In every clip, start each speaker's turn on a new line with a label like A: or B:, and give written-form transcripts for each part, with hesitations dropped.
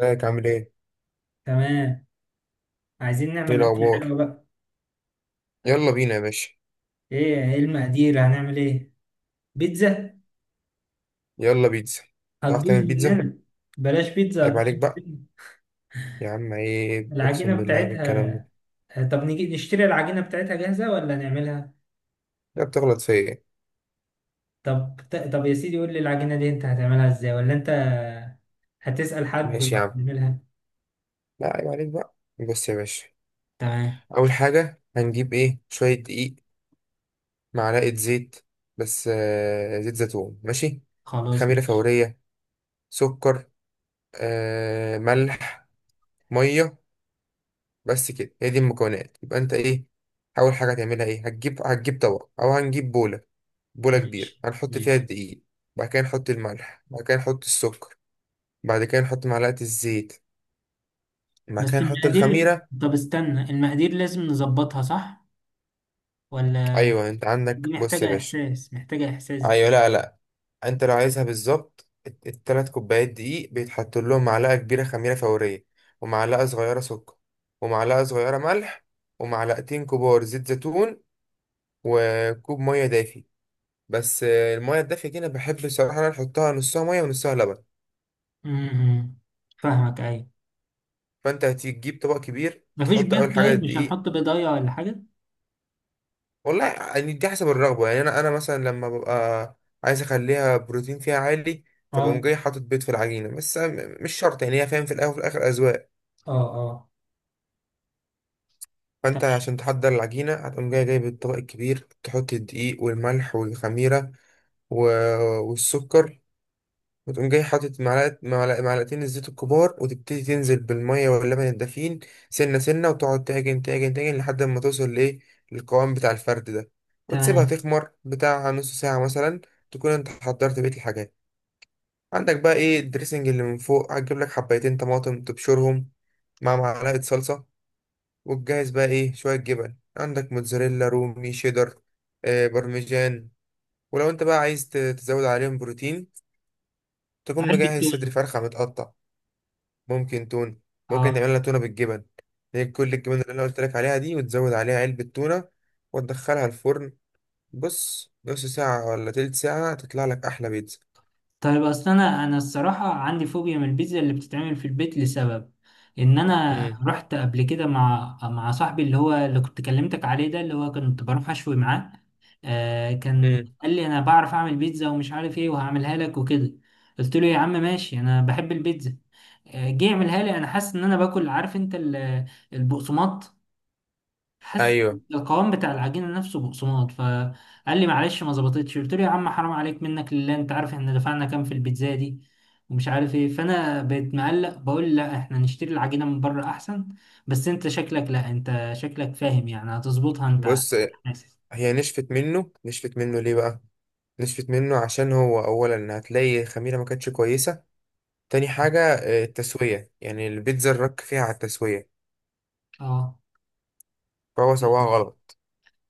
A: ازيك عامل ايه؟
B: تمام. عايزين
A: ايه
B: نعمل أكل
A: الأخبار؟
B: حلو بقى.
A: يلا بينا يا باشا.
B: إيه المقادير؟ هنعمل إيه؟ بيتزا.
A: يلا بيتزا. تعرف
B: هتبوظ
A: تعمل بيتزا؟
B: مننا. بلاش بيتزا،
A: عيب
B: هتبوظ
A: عليك بقى،
B: مننا.
A: يا عم عيب، أقسم
B: العجينة
A: بالله بالكلام ده.
B: بتاعتها. طب نيجي نشتري العجينة بتاعتها جاهزة ولا نعملها؟
A: لا بتغلط فيا ايه؟
B: طب طب يا سيدي، قول لي العجينة دي أنت هتعملها إزاي؟ ولا أنت هتسأل حد
A: ماشي يا عم.
B: وهتعملها؟
A: لا عيب عليك بقى. بص يا باشا،
B: تمام.
A: أول حاجة هنجيب ايه؟ شوية دقيق، معلقة زيت، بس زيت زيتون ماشي؟
B: خلاص
A: خميرة
B: ماشي.
A: فورية، سكر، ملح، مية. بس كده هي دي المكونات، يبقى انت ايه؟ أول حاجة هتعملها ايه؟ هتجيب طبق، أو هنجيب بولة، بولة كبيرة
B: ماشي،
A: هنحط فيها
B: ماشي.
A: الدقيق. بعد كده نحط الملح، بعد كده نحط السكر، بعد كده نحط معلقة الزيت، بعد
B: بس
A: كده نحط
B: المقادير.
A: الخميرة.
B: طب استنى، المقادير لازم نظبطها صح ولا؟
A: أيوة أنت عندك،
B: دي
A: بص يا
B: محتاجة
A: باشا.
B: إحساس، محتاجة إحساس دي.
A: أيوة، لا لا. أنت لو عايزها بالظبط، التلات كوبايات دقيق بيتحط لهم معلقة كبيرة خميرة فورية، ومعلقة صغيرة سكر، ومعلقة صغيرة ملح، ومعلقتين كبار زيت زيتون، وكوب مية دافي. بس المية الدافية دي، أنا بحب الصراحة أنا أحطها نصها مية ونصها لبن.
B: امم فاهمك، ايوه.
A: فأنت هتجيب طبق كبير،
B: مفيش
A: تحط اول
B: بيض؟
A: حاجه
B: طيب مش
A: الدقيق.
B: هنحط بيضايه ولا حاجه؟
A: والله يعني دي حسب الرغبة، يعني أنا مثلا لما ببقى عايز أخليها بروتين فيها عالي، فبقوم
B: اه.
A: جاي حاطط بيض في العجينة، بس مش شرط، يعني هي فاهم، في الأول وفي الآخر أذواق.
B: اه، اه. تمام.
A: فأنت عشان تحضر العجينة، هتقوم جاي جايب الطبق الكبير، تحط الدقيق والملح والخميرة والسكر، وتقوم جاي حاطط معلقة معلقة معلقتين الزيت الكبار، وتبتدي تنزل بالمية واللبن الدافين سنة سنة، وتقعد تعجن تعجن تعجن لحد ما توصل لإيه، للقوام بتاع الفرد ده. وتسيبها
B: تمام.
A: تخمر بتاع نص ساعة مثلا. تكون انت حضرت بقية الحاجات، عندك بقى ايه الدريسنج اللي من فوق. هتجيب لك حبايتين طماطم تبشرهم مع معلقة صلصة، وتجهز بقى ايه، شوية جبن عندك، موتزاريلا، رومي، شيدر، بارميجان. ولو انت بقى عايز تزود عليهم بروتين، تكون
B: علبه
A: مجهز
B: تونه.
A: صدر فرخة متقطع. ممكن تون، ممكن
B: اه.
A: نعمل لها تونة بالجبن، هي كل الجبن اللي انا قلت لك عليها دي وتزود عليها علبة تونة، وتدخلها الفرن. بص، نص ساعة ولا تلت ساعة تطلع لك أحلى بيتزا.
B: طيب، اصل انا الصراحه عندي فوبيا من البيتزا اللي بتتعمل في البيت، لسبب ان انا
A: مم.
B: رحت قبل كده مع صاحبي اللي هو اللي كنت كلمتك عليه ده، اللي هو كنت بروح اشوي معاه. كان
A: مم.
B: قال لي: انا بعرف اعمل بيتزا ومش عارف ايه، وهعملها لك وكده. قلت له: يا عم ماشي، انا بحب البيتزا. جه يعملها لي، انا حاسس ان انا باكل، عارف انت البقسماط، حاسس.
A: أيوه،
B: القوام بتاع العجينه نفسه بقسماط. فقال لي: معلش ما ظبطتش. قلت له: يا عم حرام عليك، منك لله، انت عارف احنا دفعنا كام في البيتزا دي؟ ومش عارف ايه. فانا بقيت مقلق، بقول: لا، احنا نشتري العجينه من بره احسن. بس انت شكلك، لا، انت شكلك فاهم يعني، هتظبطها انت
A: بص،
B: حاسس.
A: هي نشفت منه. نشفت منه ليه بقى؟ نشفت منه عشان هو أولا هتلاقي الخميرة ما كانتش كويسة. تاني حاجة، التسوية، يعني البيتزا الرك فيها على التسوية،
B: اه.
A: فهو سواها غلط.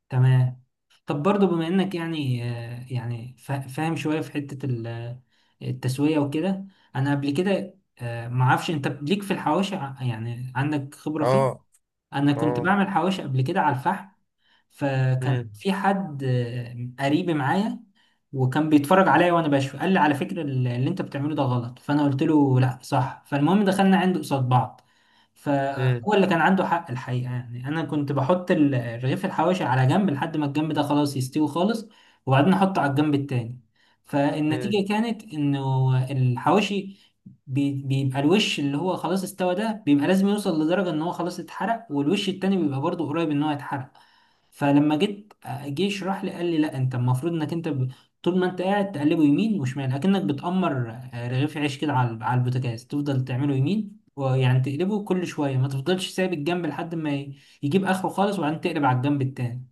B: تمام. طب برضو، بما انك يعني يعني فاهم شوية في حتة التسوية وكده. انا قبل كده معرفش، انت ليك في الحواشي؟ يعني عندك خبرة
A: اه
B: فيه؟ انا كنت
A: اه.
B: بعمل حواشي قبل كده على الفحم. فكان
A: مم.
B: في حد قريب معايا، وكان بيتفرج عليا وانا بشوي. قال لي: على فكرة، اللي انت بتعمله ده غلط. فانا قلت له: لا صح. فالمهم دخلنا عنده قصاد بعض.
A: مم.
B: فهو اللي كان عنده حق الحقيقة، يعني انا كنت بحط رغيف الحواشي على جنب لحد ما الجنب ده خلاص يستوي خالص، وبعدين احطه على الجنب التاني.
A: مم.
B: فالنتيجة كانت انه الحواشي بيبقى الوش اللي هو خلاص استوى ده بيبقى لازم يوصل لدرجة ان هو خلاص اتحرق، والوش التاني بيبقى برضه قريب ان هو يتحرق. فلما جيت آه، جه يشرح لي، قال لي: لا، انت المفروض انك انت. طول ما انت قاعد تقلبه يمين وشمال، اكنك بتأمر رغيف عيش كده على البوتاجاز، تفضل تعمله يمين، ويعني تقلبه كل شويه، ما تفضلش سايب الجنب لحد ما يجيب اخره خالص، وبعدين تقلب على الجنب التاني.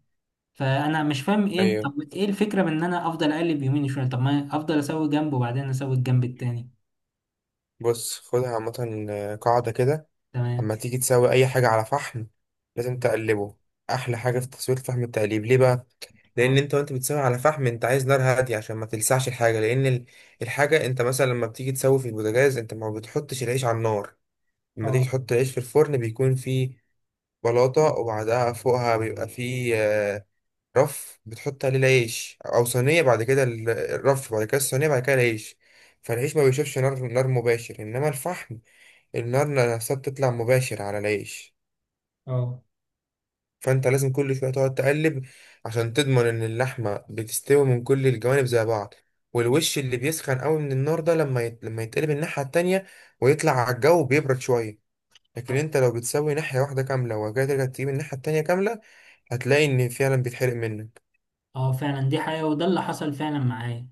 B: فانا مش فاهم ايه،
A: أيوه
B: طب ايه الفكره من ان انا افضل اقلب يمين وشمال؟ طب ما افضل اسوي جنب وبعدين اسوي الجنب التاني.
A: بص، خدها عامة قاعدة كده.
B: تمام.
A: أما تيجي تسوي أي حاجة على فحم، لازم تقلبه. أحلى حاجة في تسوية فحم التقليب. ليه بقى؟ لأن
B: اه.
A: أنت وأنت بتسوي على فحم، أنت عايز نار هادية عشان ما تلسعش الحاجة، لأن الحاجة، أنت مثلا لما بتيجي تسوي في البوتاجاز، أنت ما بتحطش العيش على النار. لما تيجي
B: اه.
A: تحط العيش في الفرن، بيكون فيه بلاطة، وبعدها فوقها بيبقى فيه رف بتحط عليه العيش أو صينية. بعد كده الرف، بعد كده الصينية، بعد كده العيش. فالعيش ما بيشوفش نار نار مباشر، إنما الفحم، النار نفسها بتطلع مباشر على العيش.
B: اه.
A: فانت لازم كل شويه تقعد تقلب، عشان تضمن ان اللحمه بتستوي من كل الجوانب زي بعض. والوش اللي بيسخن قوي من النار ده، لما يتقلب الناحيه التانية ويطلع على الجو بيبرد شويه. لكن انت لو بتسوي ناحيه واحده كامله، وجاي ترجع تجيب الناحيه التانية كامله، هتلاقي ان فعلا بيتحرق منك.
B: اه فعلا، دي حقيقة، وده اللي حصل فعلا معايا.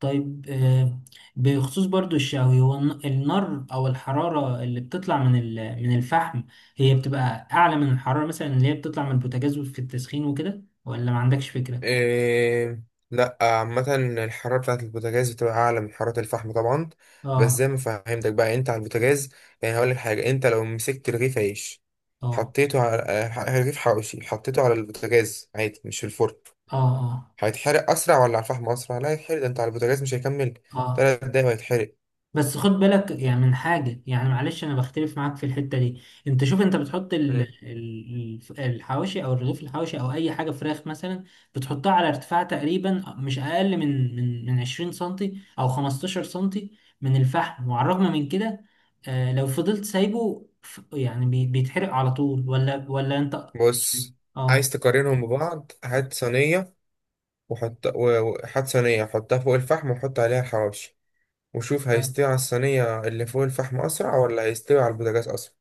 B: طيب. بخصوص برضو الشاوي، هو النار او الحرارة اللي بتطلع من من الفحم، هي بتبقى اعلى من الحرارة مثلا اللي هي بتطلع من البوتاجاز في التسخين وكده، ولا ما عندكش فكرة؟
A: إيه؟ لا، عامة الحرارة بتاعة البوتاجاز بتبقى أعلى من حرارة الفحم طبعا. بس
B: اه.
A: زي ما فهمتك بقى، أنت على البوتاجاز، يعني هقولك حاجة. أنت لو مسكت رغيف عيش،
B: اه.
A: حطيته على رغيف حواوشي، حطيته على البوتاجاز عادي مش في الفرن،
B: اه. اه.
A: هيتحرق أسرع ولا على الفحم أسرع؟ لا، هيتحرق. ده أنت على البوتاجاز مش هيكمل
B: اه،
A: 3 دقايق وهيتحرق.
B: بس خد بالك يعني من حاجة، يعني معلش، أنا بختلف معاك في الحتة دي. أنت شوف، أنت بتحط
A: مم.
B: الحواشي أو الرغيف الحواشي أو أي حاجة، فراخ مثلا، بتحطها على ارتفاع تقريبا مش أقل من 20 سنتي أو 15 سنتي من الفحم، وعلى الرغم من كده لو فضلت سايبه، يعني بيتحرق على طول ولا أنت؟
A: بص،
B: آه.
A: عايز تقارنهم ببعض،
B: آه.
A: هات صينية وحط صينية، حطها فوق الفحم، وحط عليها الحواوشي، وشوف
B: آه،
A: هيستوي على الصينية اللي فوق الفحم أسرع ولا هيستوي على البوتاجاز أسرع.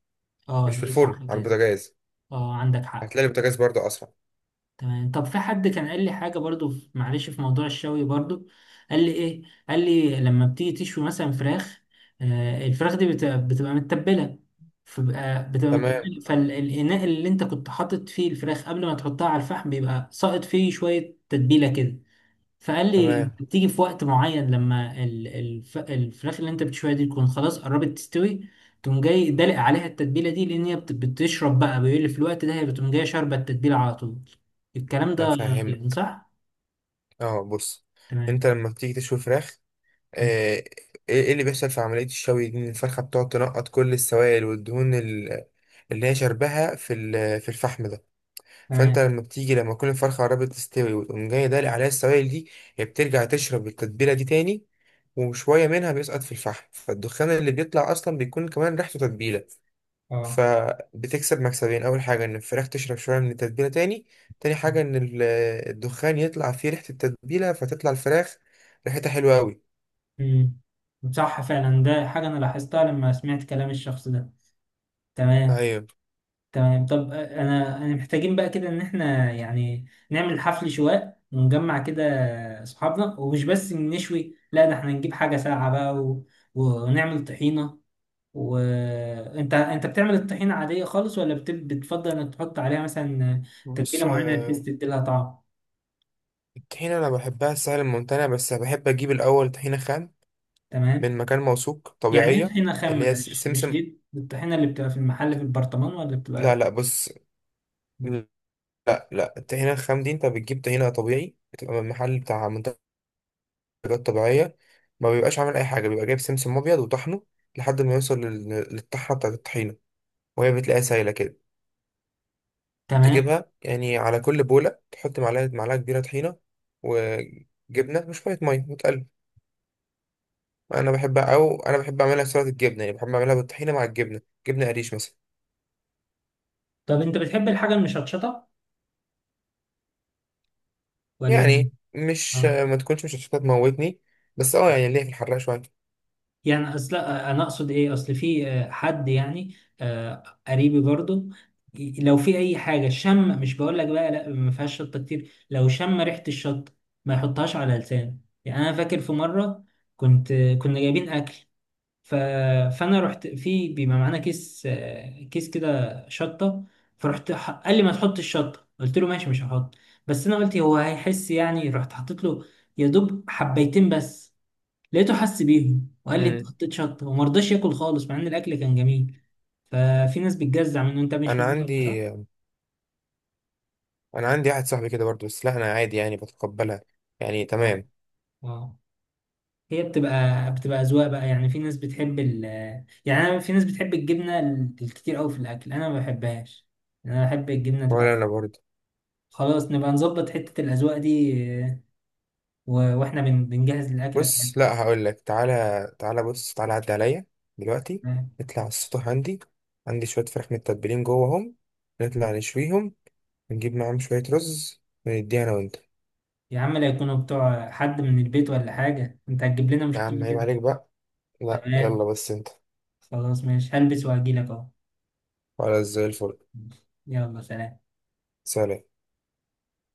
A: مش في
B: دي
A: الفرن،
B: صح
A: على
B: كده.
A: البوتاجاز.
B: آه، عندك حق.
A: هتلاقي البوتاجاز برضه أسرع.
B: تمام. طب في حد كان قال لي حاجة برضو معلش في موضوع الشوي برضو. قال لي ايه؟ قال لي: لما بتيجي تشوي مثلا فراخ. الفراخ دي بتبقى متبلة. فبقى بتبقى
A: تمام
B: متبلة، فالإناء اللي انت كنت حاطط فيه الفراخ قبل ما تحطها على الفحم بيبقى ساقط فيه شوية تتبيلة كده. فقال لي:
A: تمام،
B: أنت بتيجي في وقت معين لما الفراخ اللي انت بتشويها دي تكون خلاص قربت تستوي، تقوم جاي دلق عليها التتبيله دي، لان هي بتشرب بقى. بيقول لي: في الوقت ده هي بتقوم جايه شاربه التتبيله على طول. الكلام
A: أنا
B: ده يعني
A: فاهمك.
B: صح؟
A: أه بص،
B: تمام.
A: أنت لما بتيجي تشوي فراخ،
B: مم.
A: إيه إيه اللي بيحصل في عملية الشوي دي، إن الفرخة بتقعد تنقط كل السوائل والدهون اللي هي شربها في في الفحم ده. فانت
B: تمام.
A: لما بتيجي، لما تكون الفرخه قربت تستوي، وتقوم جاي دالق عليها السوائل دي، هي بترجع تشرب التتبيله دي تاني، وشويه منها بيسقط في الفحم، فالدخان اللي بيطلع اصلا بيكون كمان ريحته تتبيله.
B: اه.
A: فبتكسب مكسبين، اول حاجه ان الفراخ تشرب شويه من التتبيله تاني، تاني حاجه ان الدخان يطلع فيه ريحه التتبيله، فتطلع الفراخ ريحتها حلوه قوي.
B: مم. صح فعلا، ده حاجه انا لاحظتها لما سمعت كلام الشخص ده. تمام.
A: طيب،
B: تمام. طب انا محتاجين بقى كده ان احنا يعني نعمل حفل شواء ونجمع كده اصحابنا، ومش بس نشوي، لا ده احنا نجيب حاجة ساقعة بقى ونعمل طحينة. وانت انت أنت بتعمل الطحينة عادية خالص، ولا بتفضل انك تحط عليها مثلا
A: بص،
B: تتبيلة معينة بحيث تديلها طعم؟
A: الطحينه انا بحبها سهل الممتنع، بس بحب اجيب الاول طحينه خام
B: تمام.
A: من مكان موثوق،
B: يعني ايه
A: طبيعيه.
B: طحينة خام؟
A: اللي هي
B: مش
A: سمسم.
B: دي الطحينة اللي بتبقى في المحل في البرطمان، ولا
A: لا
B: بتبقى؟
A: لا، بص، لا لا، الطحينة الخام دي انت بتجيب طحينة طبيعي، بتبقى من محل بتاع منتجات طبيعية. ما بيبقاش عامل أي حاجة، بيبقى جايب سمسم أبيض وطحنه لحد ما يوصل للطحنة بتاعت الطحينة، وهي بتلاقيها سايلة كده.
B: تمام.
A: تجيبها يعني، على كل بولة تحط معلقة كبيرة طحينة، وجبنة، وشوية مية، وتقلب. أنا بحب أعملها سلطة الجبنة، يعني بحب أعملها بالطحينة مع الجبنة، جبنة قريش مثلا.
B: طب انت بتحب الحاجة المشطشطة ولا؟
A: يعني مش
B: اه.
A: ما تكونش مش هتموتني، بس اه، يعني ليه في الحراق شوية.
B: يعني اصل انا اقصد ايه، اصل في حد يعني، قريبي برضو. لو في اي حاجه شم، مش بقول لك بقى لا ما فيهاش شطه كتير، لو شم ريحه الشطه ما يحطهاش على لسانه. يعني انا فاكر في مره، كنا جايبين اكل، ف... فانا رحت، في بيبقى معانا كيس، كده شطه. فرحت قال لي: ما تحطش الشطه. قلت له: ماشي مش هحط. بس انا قلت هو هيحس يعني، رحت حطيت له يا دوب حبيتين بس. لقيته حس بيهم، وقال لي: انت حطيت شطه، وما رضاش ياكل خالص، مع ان الاكل كان جميل. ففي ناس بتجزع منه، انت مش من
A: انا
B: النوع ده صح؟
A: عندي انا عندي واحد صاحبي كده برضه، بس لا انا عادي يعني بتقبلها، يعني
B: اه.
A: تمام.
B: اه. هي بتبقى اذواق بقى، يعني في ناس بتحب يعني، أنا، في ناس بتحب الجبنه الكتير قوي في الاكل، انا ما بحبهاش. انا بحب الجبنه
A: ولا
B: تبقى.
A: انا برضه.
B: خلاص نبقى نظبط حته الاذواق دي. آه، واحنا بنجهز الاكله بتاعتنا.
A: بص، لا هقول لك، تعالى تعالى، بص تعالى عدي عليا دلوقتي،
B: آه.
A: نطلع على السطح. عندي شويه فراخ متبلين جواهم، نطلع نشويهم، ونجيب معاهم شويه رز، ونديها انا وانت.
B: يا عم لا يكونوا بتوع حد من البيت ولا حاجه، انت هتجيب لنا
A: يا عم
B: مشكله
A: عيب
B: كده.
A: عليك بقى. لا يلا
B: تمام.
A: بس انت.
B: خلاص ماشي، هلبس وهجيلك اهو.
A: خلاص زي الفل.
B: يلا، سلام.
A: سلام.